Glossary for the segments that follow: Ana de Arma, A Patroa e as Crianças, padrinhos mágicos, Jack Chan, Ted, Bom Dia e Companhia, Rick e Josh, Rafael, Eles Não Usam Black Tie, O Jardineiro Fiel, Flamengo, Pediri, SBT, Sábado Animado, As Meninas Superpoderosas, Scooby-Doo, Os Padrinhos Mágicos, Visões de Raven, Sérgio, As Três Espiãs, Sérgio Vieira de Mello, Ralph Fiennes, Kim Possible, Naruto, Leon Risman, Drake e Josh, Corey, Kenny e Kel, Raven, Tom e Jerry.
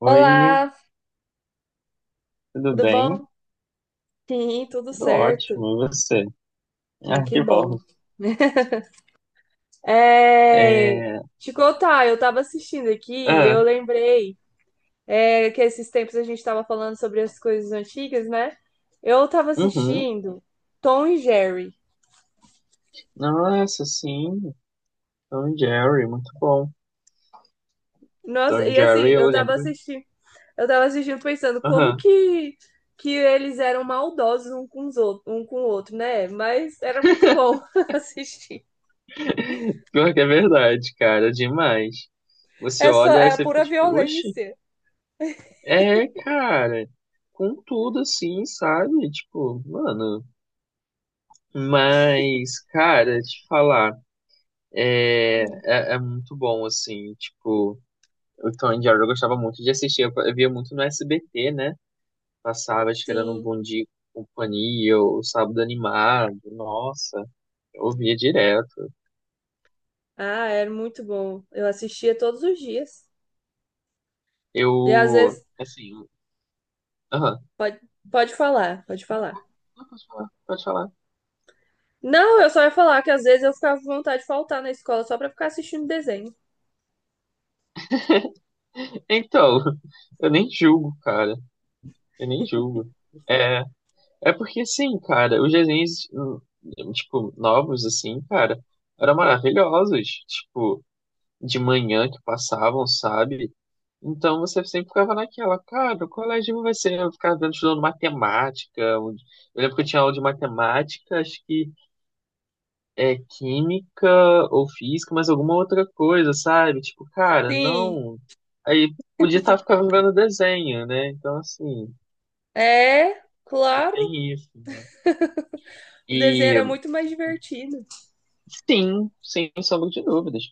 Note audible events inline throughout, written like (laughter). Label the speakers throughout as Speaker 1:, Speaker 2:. Speaker 1: Oi,
Speaker 2: Olá,
Speaker 1: tudo
Speaker 2: tudo
Speaker 1: bem?
Speaker 2: bom? Sim, tudo
Speaker 1: Tudo
Speaker 2: certo.
Speaker 1: ótimo, e você? (laughs)
Speaker 2: Ai,
Speaker 1: Ah,
Speaker 2: que
Speaker 1: que
Speaker 2: bom.
Speaker 1: bom.
Speaker 2: (laughs) É,
Speaker 1: É,
Speaker 2: te contar, eu tava assistindo aqui e eu
Speaker 1: é,
Speaker 2: lembrei, que esses tempos a gente tava falando sobre as coisas antigas, né? Eu tava
Speaker 1: uhum.
Speaker 2: assistindo Tom e Jerry.
Speaker 1: Nossa, sim, Tom e Jerry, muito bom.
Speaker 2: Nossa,
Speaker 1: Tom e
Speaker 2: e assim,
Speaker 1: Jerry, eu lembro.
Speaker 2: eu tava assistindo pensando como
Speaker 1: Aham.
Speaker 2: que que eles eram maldosos um com os outros, um com o outro, né? Mas era muito bom (laughs) assistir.
Speaker 1: (laughs) Pior que é verdade, cara, demais. Você
Speaker 2: É só,
Speaker 1: olha
Speaker 2: é
Speaker 1: e
Speaker 2: a
Speaker 1: você fica
Speaker 2: pura
Speaker 1: tipo, oxe,
Speaker 2: violência.
Speaker 1: é, cara, com tudo assim, sabe? Tipo, mano. Mas, cara, te falar,
Speaker 2: Hum.
Speaker 1: é muito bom, assim, tipo. O Tom e Jerry eu gostava muito de assistir, eu via muito no SBT, né? Passava, acho que era no
Speaker 2: Sim.
Speaker 1: Bom Dia e Companhia, o Sábado Animado, nossa, eu via direto.
Speaker 2: Ah, era muito bom. Eu assistia todos os dias. E às
Speaker 1: Eu,
Speaker 2: vezes.
Speaker 1: assim, aham.
Speaker 2: Pode, pode falar.
Speaker 1: Não, pode falar, pode falar.
Speaker 2: Não, eu só ia falar que às vezes eu ficava com vontade de faltar na escola só pra ficar assistindo desenho.
Speaker 1: Então, (laughs) eu nem julgo, cara, eu nem julgo. É, é porque, assim, cara, os desenhos, tipo, novos, assim, cara, eram maravilhosos, tipo, de manhã que passavam, sabe? Então você sempre ficava naquela, cara, o colégio vai ser, eu ficava vendo estudando matemática. Eu lembro que eu tinha aula de matemática, acho que é química ou física, mas alguma outra coisa, sabe? Tipo, cara,
Speaker 2: Sim,
Speaker 1: não. Aí podia estar ficando vendo desenho, né? Então, assim,
Speaker 2: é, claro.
Speaker 1: tem isso, né?
Speaker 2: O desenho
Speaker 1: E
Speaker 2: era muito mais divertido.
Speaker 1: sim, sem sombra de dúvidas.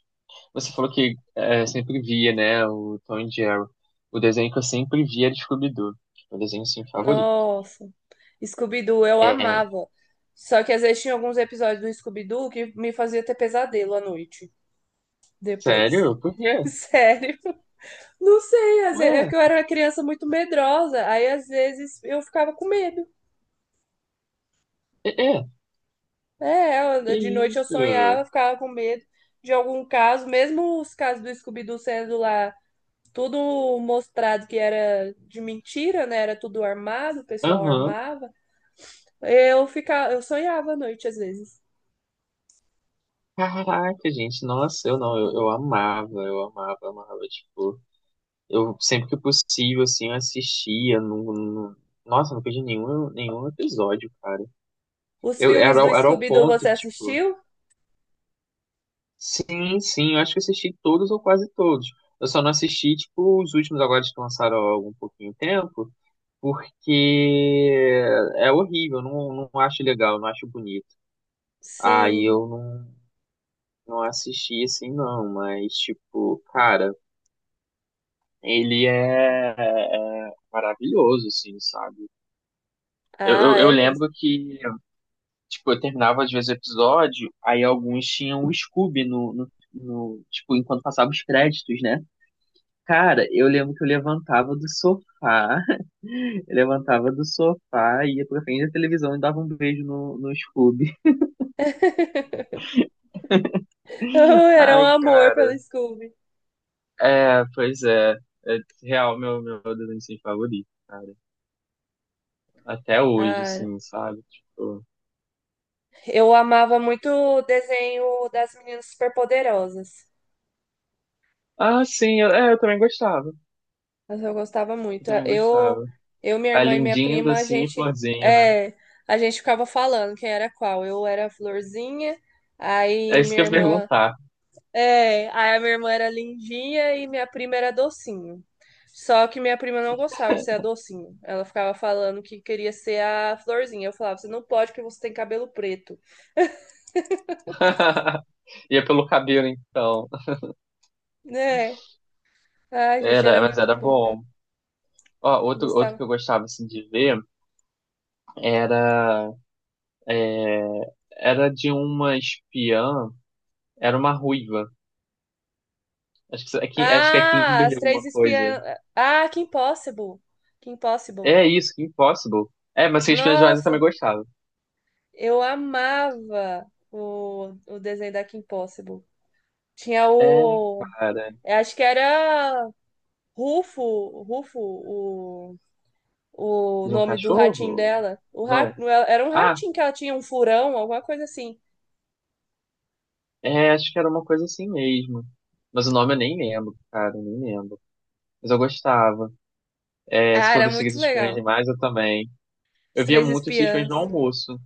Speaker 1: Você falou que é, sempre via, né, o Tom e Jerry. O desenho que eu sempre via era de Scooby-Doo. Meu desenho, assim, favorito.
Speaker 2: Nossa. Scooby-Doo, eu
Speaker 1: É,
Speaker 2: amava. Só que às vezes tinha alguns episódios do Scooby-Doo que me fazia ter pesadelo à noite depois.
Speaker 1: sério? Por quê?
Speaker 2: (laughs) Sério. Não sei, às vezes, é
Speaker 1: Ué,
Speaker 2: porque eu era uma criança muito medrosa, aí às vezes eu ficava com medo.
Speaker 1: é, é,
Speaker 2: É,
Speaker 1: que
Speaker 2: de noite eu
Speaker 1: isso?
Speaker 2: sonhava, ficava com medo de algum caso, mesmo os casos do Scooby-Doo sendo lá tudo mostrado que era de mentira, né? Era tudo armado, o pessoal
Speaker 1: Aham.
Speaker 2: armava. Eu sonhava à noite às vezes.
Speaker 1: Caraca, gente, nossa, eu não, eu amava, eu amava, amava, tipo, eu sempre que possível, assim, eu assistia, nossa, não perdi nenhum, nenhum episódio, cara.
Speaker 2: Os filmes do
Speaker 1: Era ao
Speaker 2: Scooby-Doo você
Speaker 1: ponto, tipo,
Speaker 2: assistiu?
Speaker 1: sim, sim, eu acho que eu assisti todos ou quase todos. Eu só não assisti, tipo, os últimos agora que lançaram há algum pouquinho de tempo, porque é horrível, eu não acho legal, não acho bonito. Aí
Speaker 2: Sim.
Speaker 1: eu não, não assisti assim, não, mas, tipo, cara, ele é maravilhoso, assim, sabe? Eu,
Speaker 2: Ah,
Speaker 1: eu, eu
Speaker 2: é mesmo.
Speaker 1: lembro que, tipo, eu terminava às vezes o episódio, aí alguns tinham o Scooby no, no, no, tipo, enquanto passava os créditos, né? Cara, eu lembro que eu levantava do sofá, (laughs) eu levantava do sofá, ia pra frente da televisão e dava um beijo no Scooby.
Speaker 2: (laughs)
Speaker 1: (laughs)
Speaker 2: Era um
Speaker 1: Ai,
Speaker 2: amor
Speaker 1: cara.
Speaker 2: pelo Scooby.
Speaker 1: É, pois é. É real meu, meu adolescente favorito, cara. Até hoje,
Speaker 2: Ah,
Speaker 1: assim, sabe? Tipo.
Speaker 2: eu amava muito o desenho das meninas superpoderosas.
Speaker 1: Ah, sim, é, eu também gostava.
Speaker 2: Mas eu gostava
Speaker 1: Eu
Speaker 2: muito.
Speaker 1: também gostava.
Speaker 2: Minha
Speaker 1: A
Speaker 2: irmã e minha
Speaker 1: lindinha,
Speaker 2: prima,
Speaker 1: docinha e florzinha, né?
Speaker 2: é, a gente ficava falando quem era qual. Eu era a florzinha,
Speaker 1: É
Speaker 2: aí
Speaker 1: isso que
Speaker 2: minha
Speaker 1: eu ia
Speaker 2: irmã,
Speaker 1: perguntar.
Speaker 2: aí a minha irmã era lindinha e minha prima era docinho. Só que minha prima não gostava de ser a docinho. Ela ficava falando que queria ser a florzinha. Eu falava, você não pode porque você tem cabelo preto,
Speaker 1: (laughs) Ia pelo cabelo, então.
Speaker 2: né? Ai, gente,
Speaker 1: Era,
Speaker 2: era
Speaker 1: mas
Speaker 2: muito
Speaker 1: era
Speaker 2: bom.
Speaker 1: bom. Ó, outro, outro
Speaker 2: Gostava.
Speaker 1: que eu gostava, assim, de ver era era de uma espiã, era uma ruiva. Acho que, acho que é
Speaker 2: Ah,
Speaker 1: Kimberly
Speaker 2: as três
Speaker 1: alguma coisa.
Speaker 2: espiãs. Ah, que Impossible. Que Impossible.
Speaker 1: É isso, Kim Possible. É, mas Seis Espiãs Demais eu também
Speaker 2: Nossa,
Speaker 1: gostava.
Speaker 2: eu amava o desenho da Kim Possible. Tinha
Speaker 1: É,
Speaker 2: o.
Speaker 1: cara,
Speaker 2: eu Acho que era Rufo, Rufo, o, o
Speaker 1: de um
Speaker 2: nome do ratinho
Speaker 1: cachorro?
Speaker 2: dela.
Speaker 1: Não.
Speaker 2: Era um
Speaker 1: Ah,
Speaker 2: ratinho que ela tinha, um furão, alguma coisa assim.
Speaker 1: é, acho que era uma coisa assim mesmo. Mas o nome eu nem lembro, cara, eu nem lembro. Mas eu gostava. É, se
Speaker 2: Ah,
Speaker 1: for
Speaker 2: era
Speaker 1: dos Seis
Speaker 2: muito
Speaker 1: Espiãs
Speaker 2: legal.
Speaker 1: Demais, eu também.
Speaker 2: Os
Speaker 1: Eu via
Speaker 2: Três
Speaker 1: muito Seis Espiãs no
Speaker 2: Espiãs.
Speaker 1: almoço.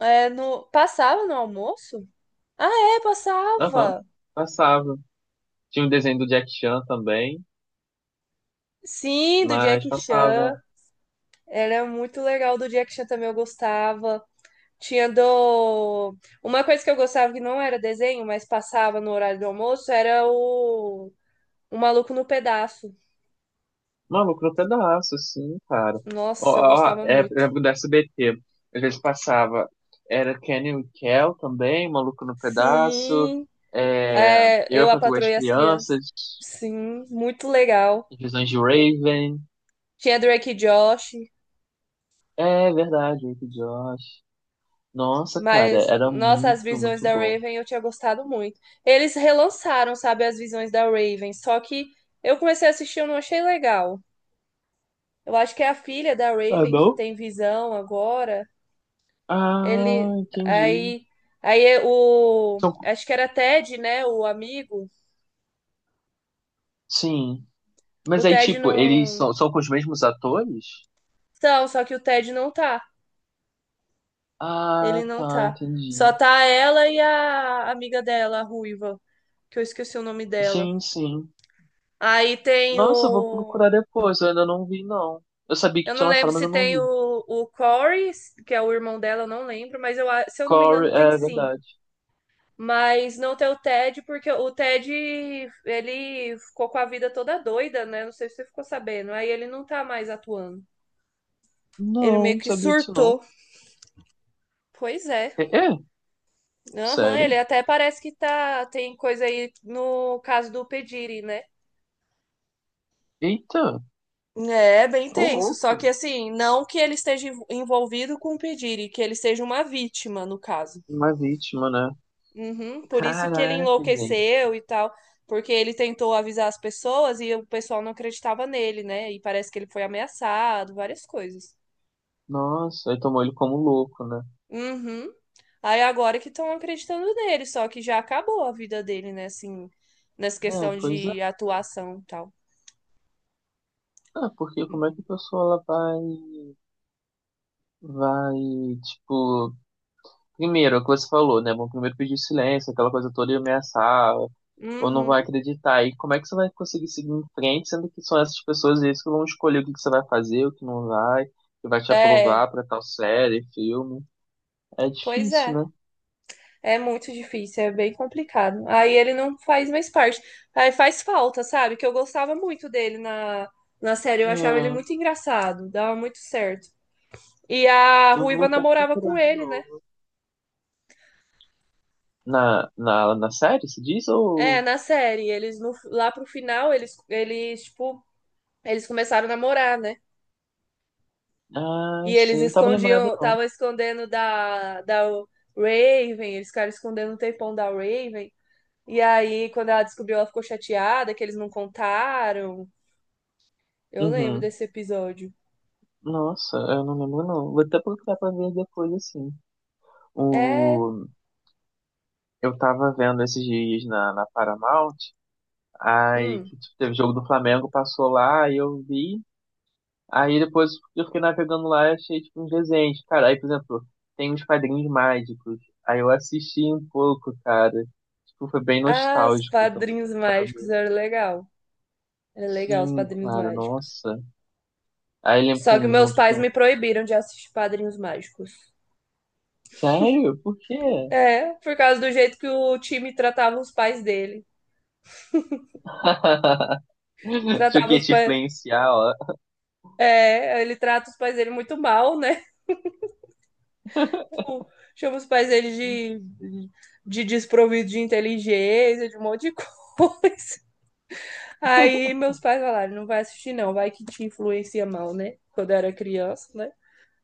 Speaker 2: Passava no almoço? Ah, é,
Speaker 1: Aham,
Speaker 2: passava.
Speaker 1: passava. Tinha um desenho do Jack Chan também,
Speaker 2: Sim, do
Speaker 1: mas
Speaker 2: Jack
Speaker 1: passava.
Speaker 2: Chan. Era muito legal do Jack Chan também, eu gostava. Tinha do. Uma coisa que eu gostava que não era desenho, mas passava no horário do almoço, era o Maluco no Pedaço.
Speaker 1: Não, lucrou pedaço, sim, cara. Ó,
Speaker 2: Nossa, eu
Speaker 1: ó,
Speaker 2: gostava
Speaker 1: é, eu
Speaker 2: muito.
Speaker 1: lembro do SBT. Às vezes passava. Era Kenny e Kel também, Maluco no Pedaço.
Speaker 2: Sim,
Speaker 1: É, eu é
Speaker 2: eu a
Speaker 1: para duas
Speaker 2: Patroa e as Crianças.
Speaker 1: crianças.
Speaker 2: Sim, muito legal.
Speaker 1: Visões de Raven.
Speaker 2: Tinha Drake e Josh,
Speaker 1: É verdade, Rick e Josh. Nossa, cara,
Speaker 2: mas,
Speaker 1: era
Speaker 2: nossa, as
Speaker 1: muito,
Speaker 2: visões
Speaker 1: muito
Speaker 2: da
Speaker 1: bom.
Speaker 2: Raven eu tinha gostado muito. Eles relançaram, sabe, as visões da Raven, só que eu comecei a assistir e eu não achei legal. Eu acho que é a filha da
Speaker 1: Ah,
Speaker 2: Raven que
Speaker 1: não?
Speaker 2: tem visão agora.
Speaker 1: Ah,
Speaker 2: Ele
Speaker 1: entendi.
Speaker 2: aí aí é o,
Speaker 1: São,
Speaker 2: acho que era Ted, né, o amigo.
Speaker 1: sim.
Speaker 2: O
Speaker 1: Mas aí,
Speaker 2: Ted
Speaker 1: tipo, eles
Speaker 2: não
Speaker 1: são, são com os mesmos atores?
Speaker 2: Então, só que o Ted não tá.
Speaker 1: Ah,
Speaker 2: Ele não
Speaker 1: tá,
Speaker 2: tá. Só
Speaker 1: entendi.
Speaker 2: tá ela e a amiga dela, a ruiva, que eu esqueci o nome dela.
Speaker 1: Sim, sim.
Speaker 2: Aí tem
Speaker 1: Nossa, eu vou
Speaker 2: o
Speaker 1: procurar depois. Eu ainda não vi, não. Eu sabia
Speaker 2: eu
Speaker 1: que
Speaker 2: não
Speaker 1: tinha
Speaker 2: lembro
Speaker 1: lançado, mas
Speaker 2: se
Speaker 1: eu não
Speaker 2: tem
Speaker 1: vi.
Speaker 2: o Corey, que é o irmão dela, eu não lembro, mas se eu não me
Speaker 1: Corey,
Speaker 2: engano, tem
Speaker 1: é
Speaker 2: sim.
Speaker 1: verdade.
Speaker 2: Mas não ter o Ted, porque o Ted, ele ficou com a vida toda doida, né? Não sei se você ficou sabendo. Aí ele não tá mais atuando. Ele meio
Speaker 1: Não, não
Speaker 2: que
Speaker 1: sabia disso, não.
Speaker 2: surtou. Pois é.
Speaker 1: É? É?
Speaker 2: Aham, ele
Speaker 1: Sério?
Speaker 2: até parece que tá. Tem coisa aí no caso do Pediri, né?
Speaker 1: Eita,
Speaker 2: É bem
Speaker 1: ô
Speaker 2: tenso, só
Speaker 1: louco.
Speaker 2: que assim, não que ele esteja envolvido com o Pediri, que ele seja uma vítima, no caso.
Speaker 1: Uma vítima, né?
Speaker 2: Uhum, por isso que ele
Speaker 1: Caraca, gente.
Speaker 2: enlouqueceu e tal, porque ele tentou avisar as pessoas e o pessoal não acreditava nele, né? E parece que ele foi ameaçado, várias coisas.
Speaker 1: Nossa, aí tomou ele como louco, né?
Speaker 2: Uhum. Aí agora que estão acreditando nele, só que já acabou a vida dele, né? Assim, nessa
Speaker 1: É,
Speaker 2: questão
Speaker 1: pois é.
Speaker 2: de atuação e tal.
Speaker 1: Ah, porque como é que a pessoa ela vai, vai, tipo, primeiro, é o que você falou, né? Vão primeiro pedir silêncio, aquela coisa toda e ameaçar, ou não vai
Speaker 2: Uhum.
Speaker 1: acreditar. E como é que você vai conseguir seguir em frente, sendo que são essas pessoas eles que vão escolher o que que você vai fazer, o que não vai, que vai te
Speaker 2: É,
Speaker 1: aprovar pra tal série, filme. É
Speaker 2: pois
Speaker 1: difícil,
Speaker 2: é.
Speaker 1: né?
Speaker 2: É muito difícil, é bem complicado. Aí ele não faz mais parte. Aí faz falta, sabe? Que eu gostava muito dele na série. Eu achava ele muito
Speaker 1: É,
Speaker 2: engraçado, dava muito certo. E a
Speaker 1: eu vou
Speaker 2: Ruiva
Speaker 1: até
Speaker 2: namorava com
Speaker 1: procurar de
Speaker 2: ele, né?
Speaker 1: novo. Na série, se diz?
Speaker 2: É,
Speaker 1: Ou.
Speaker 2: na série. Eles no, lá pro final, eles começaram a namorar, né?
Speaker 1: Ah,
Speaker 2: E eles
Speaker 1: sim, não tava lembrado
Speaker 2: escondiam,
Speaker 1: não.
Speaker 2: estavam escondendo da Raven, eles ficaram escondendo o tempão da Raven. E aí, quando ela descobriu, ela ficou chateada que eles não contaram. Eu lembro
Speaker 1: Uhum.
Speaker 2: desse episódio.
Speaker 1: Nossa, eu não lembro não. Vou até procurar pra ver depois, assim.
Speaker 2: É.
Speaker 1: O. Eu tava vendo esses dias na Paramount, aí que
Speaker 2: Hum.
Speaker 1: tipo, teve jogo do Flamengo, passou lá, aí eu vi. Aí depois eu fiquei navegando lá e achei tipo, uns desenhos. Cara, aí, por exemplo, tem uns padrinhos mágicos. Aí eu assisti um pouco, cara. Tipo, foi bem
Speaker 2: Ah, os
Speaker 1: nostálgico também,
Speaker 2: padrinhos mágicos
Speaker 1: sabe?
Speaker 2: era legal. Era legal os
Speaker 1: Sim,
Speaker 2: padrinhos
Speaker 1: claro,
Speaker 2: mágicos.
Speaker 1: nossa. Aí eu lembro
Speaker 2: Só que
Speaker 1: com,
Speaker 2: meus
Speaker 1: junto
Speaker 2: pais
Speaker 1: com.
Speaker 2: me proibiram de assistir padrinhos mágicos.
Speaker 1: Sério? Por quê?
Speaker 2: É, por causa do jeito que o time tratava os pais dele.
Speaker 1: (laughs)
Speaker 2: E
Speaker 1: Achei
Speaker 2: tratava
Speaker 1: que ia
Speaker 2: os
Speaker 1: te
Speaker 2: pais.
Speaker 1: influenciar, ó.
Speaker 2: É, ele trata os pais dele muito mal, né? (laughs) Tipo, chama os pais dele de desprovido de inteligência, de um monte de (laughs) coisa. Aí meus pais falaram: não vai assistir, não, vai que te influencia mal, né? Quando eu era criança, né?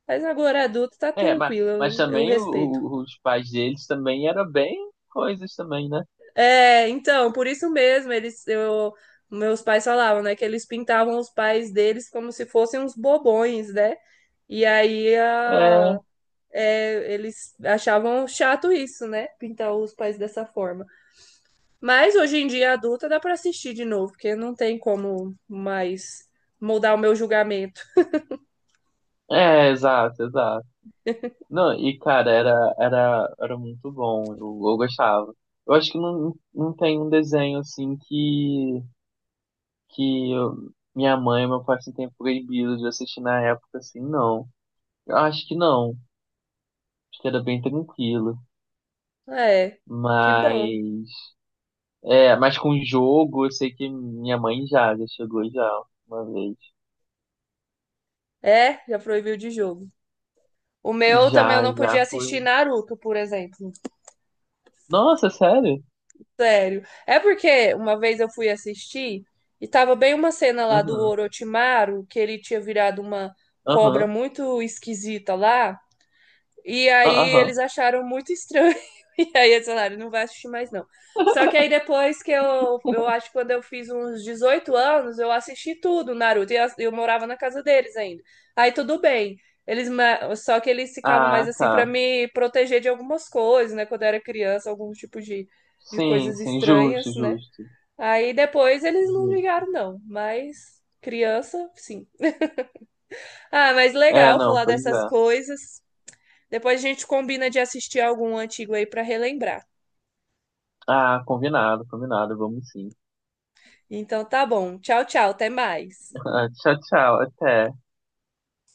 Speaker 2: Mas agora adulto tá
Speaker 1: É,
Speaker 2: tranquilo,
Speaker 1: mas
Speaker 2: eu
Speaker 1: também
Speaker 2: respeito.
Speaker 1: os pais deles também eram bem coisas também, né?
Speaker 2: É, então, por isso mesmo, meus pais falavam, né, que eles pintavam os pais deles como se fossem uns bobões, né? E aí eles achavam chato isso, né? Pintar os pais dessa forma. Mas hoje em dia, adulta, dá pra assistir de novo, porque não tem como mais mudar o meu julgamento.
Speaker 1: É, é, exato, exato. Não, e cara, era, era, era muito bom, eu gostava. Eu acho que não, não tem um desenho assim que, minha mãe e meu pai assim, tenham proibido de assistir na época, assim, não. Eu acho que não, acho que era bem tranquilo.
Speaker 2: É, que
Speaker 1: Mas,
Speaker 2: bom.
Speaker 1: é, mas com jogo, eu sei que minha mãe já, já chegou já uma vez.
Speaker 2: É, já proibiu de jogo. O meu também eu
Speaker 1: Já,
Speaker 2: não podia
Speaker 1: já
Speaker 2: assistir
Speaker 1: fui.
Speaker 2: Naruto, por exemplo.
Speaker 1: Nossa, sério?
Speaker 2: Sério. É porque uma vez eu fui assistir e tava bem uma cena lá do
Speaker 1: Uhum,
Speaker 2: Orochimaru, que ele tinha virado uma cobra
Speaker 1: aham,
Speaker 2: muito esquisita lá. E
Speaker 1: ah,
Speaker 2: aí eles
Speaker 1: aham.
Speaker 2: acharam muito estranho. (laughs) E aí eles falaram, não vai assistir mais, não. Só que aí
Speaker 1: (laughs)
Speaker 2: depois que eu acho que quando eu fiz uns 18 anos, eu assisti tudo, Naruto, e eu morava na casa deles ainda. Aí tudo bem. Só que eles ficavam mais
Speaker 1: Ah,
Speaker 2: assim pra
Speaker 1: tá.
Speaker 2: me proteger de algumas coisas, né? Quando eu era criança, algum tipo de
Speaker 1: Sim,
Speaker 2: coisas
Speaker 1: sim, justo,
Speaker 2: estranhas, né?
Speaker 1: justo,
Speaker 2: Aí depois eles não
Speaker 1: justo.
Speaker 2: ligaram, não. Mas criança, sim. Ah, mas
Speaker 1: É,
Speaker 2: legal
Speaker 1: não,
Speaker 2: falar
Speaker 1: pois
Speaker 2: dessas
Speaker 1: é.
Speaker 2: coisas. Depois a gente combina de assistir algum antigo aí para relembrar.
Speaker 1: Ah, combinado, combinado, vamos sim.
Speaker 2: Então tá bom. Tchau, tchau. Até mais.
Speaker 1: (laughs) Tchau, tchau, até.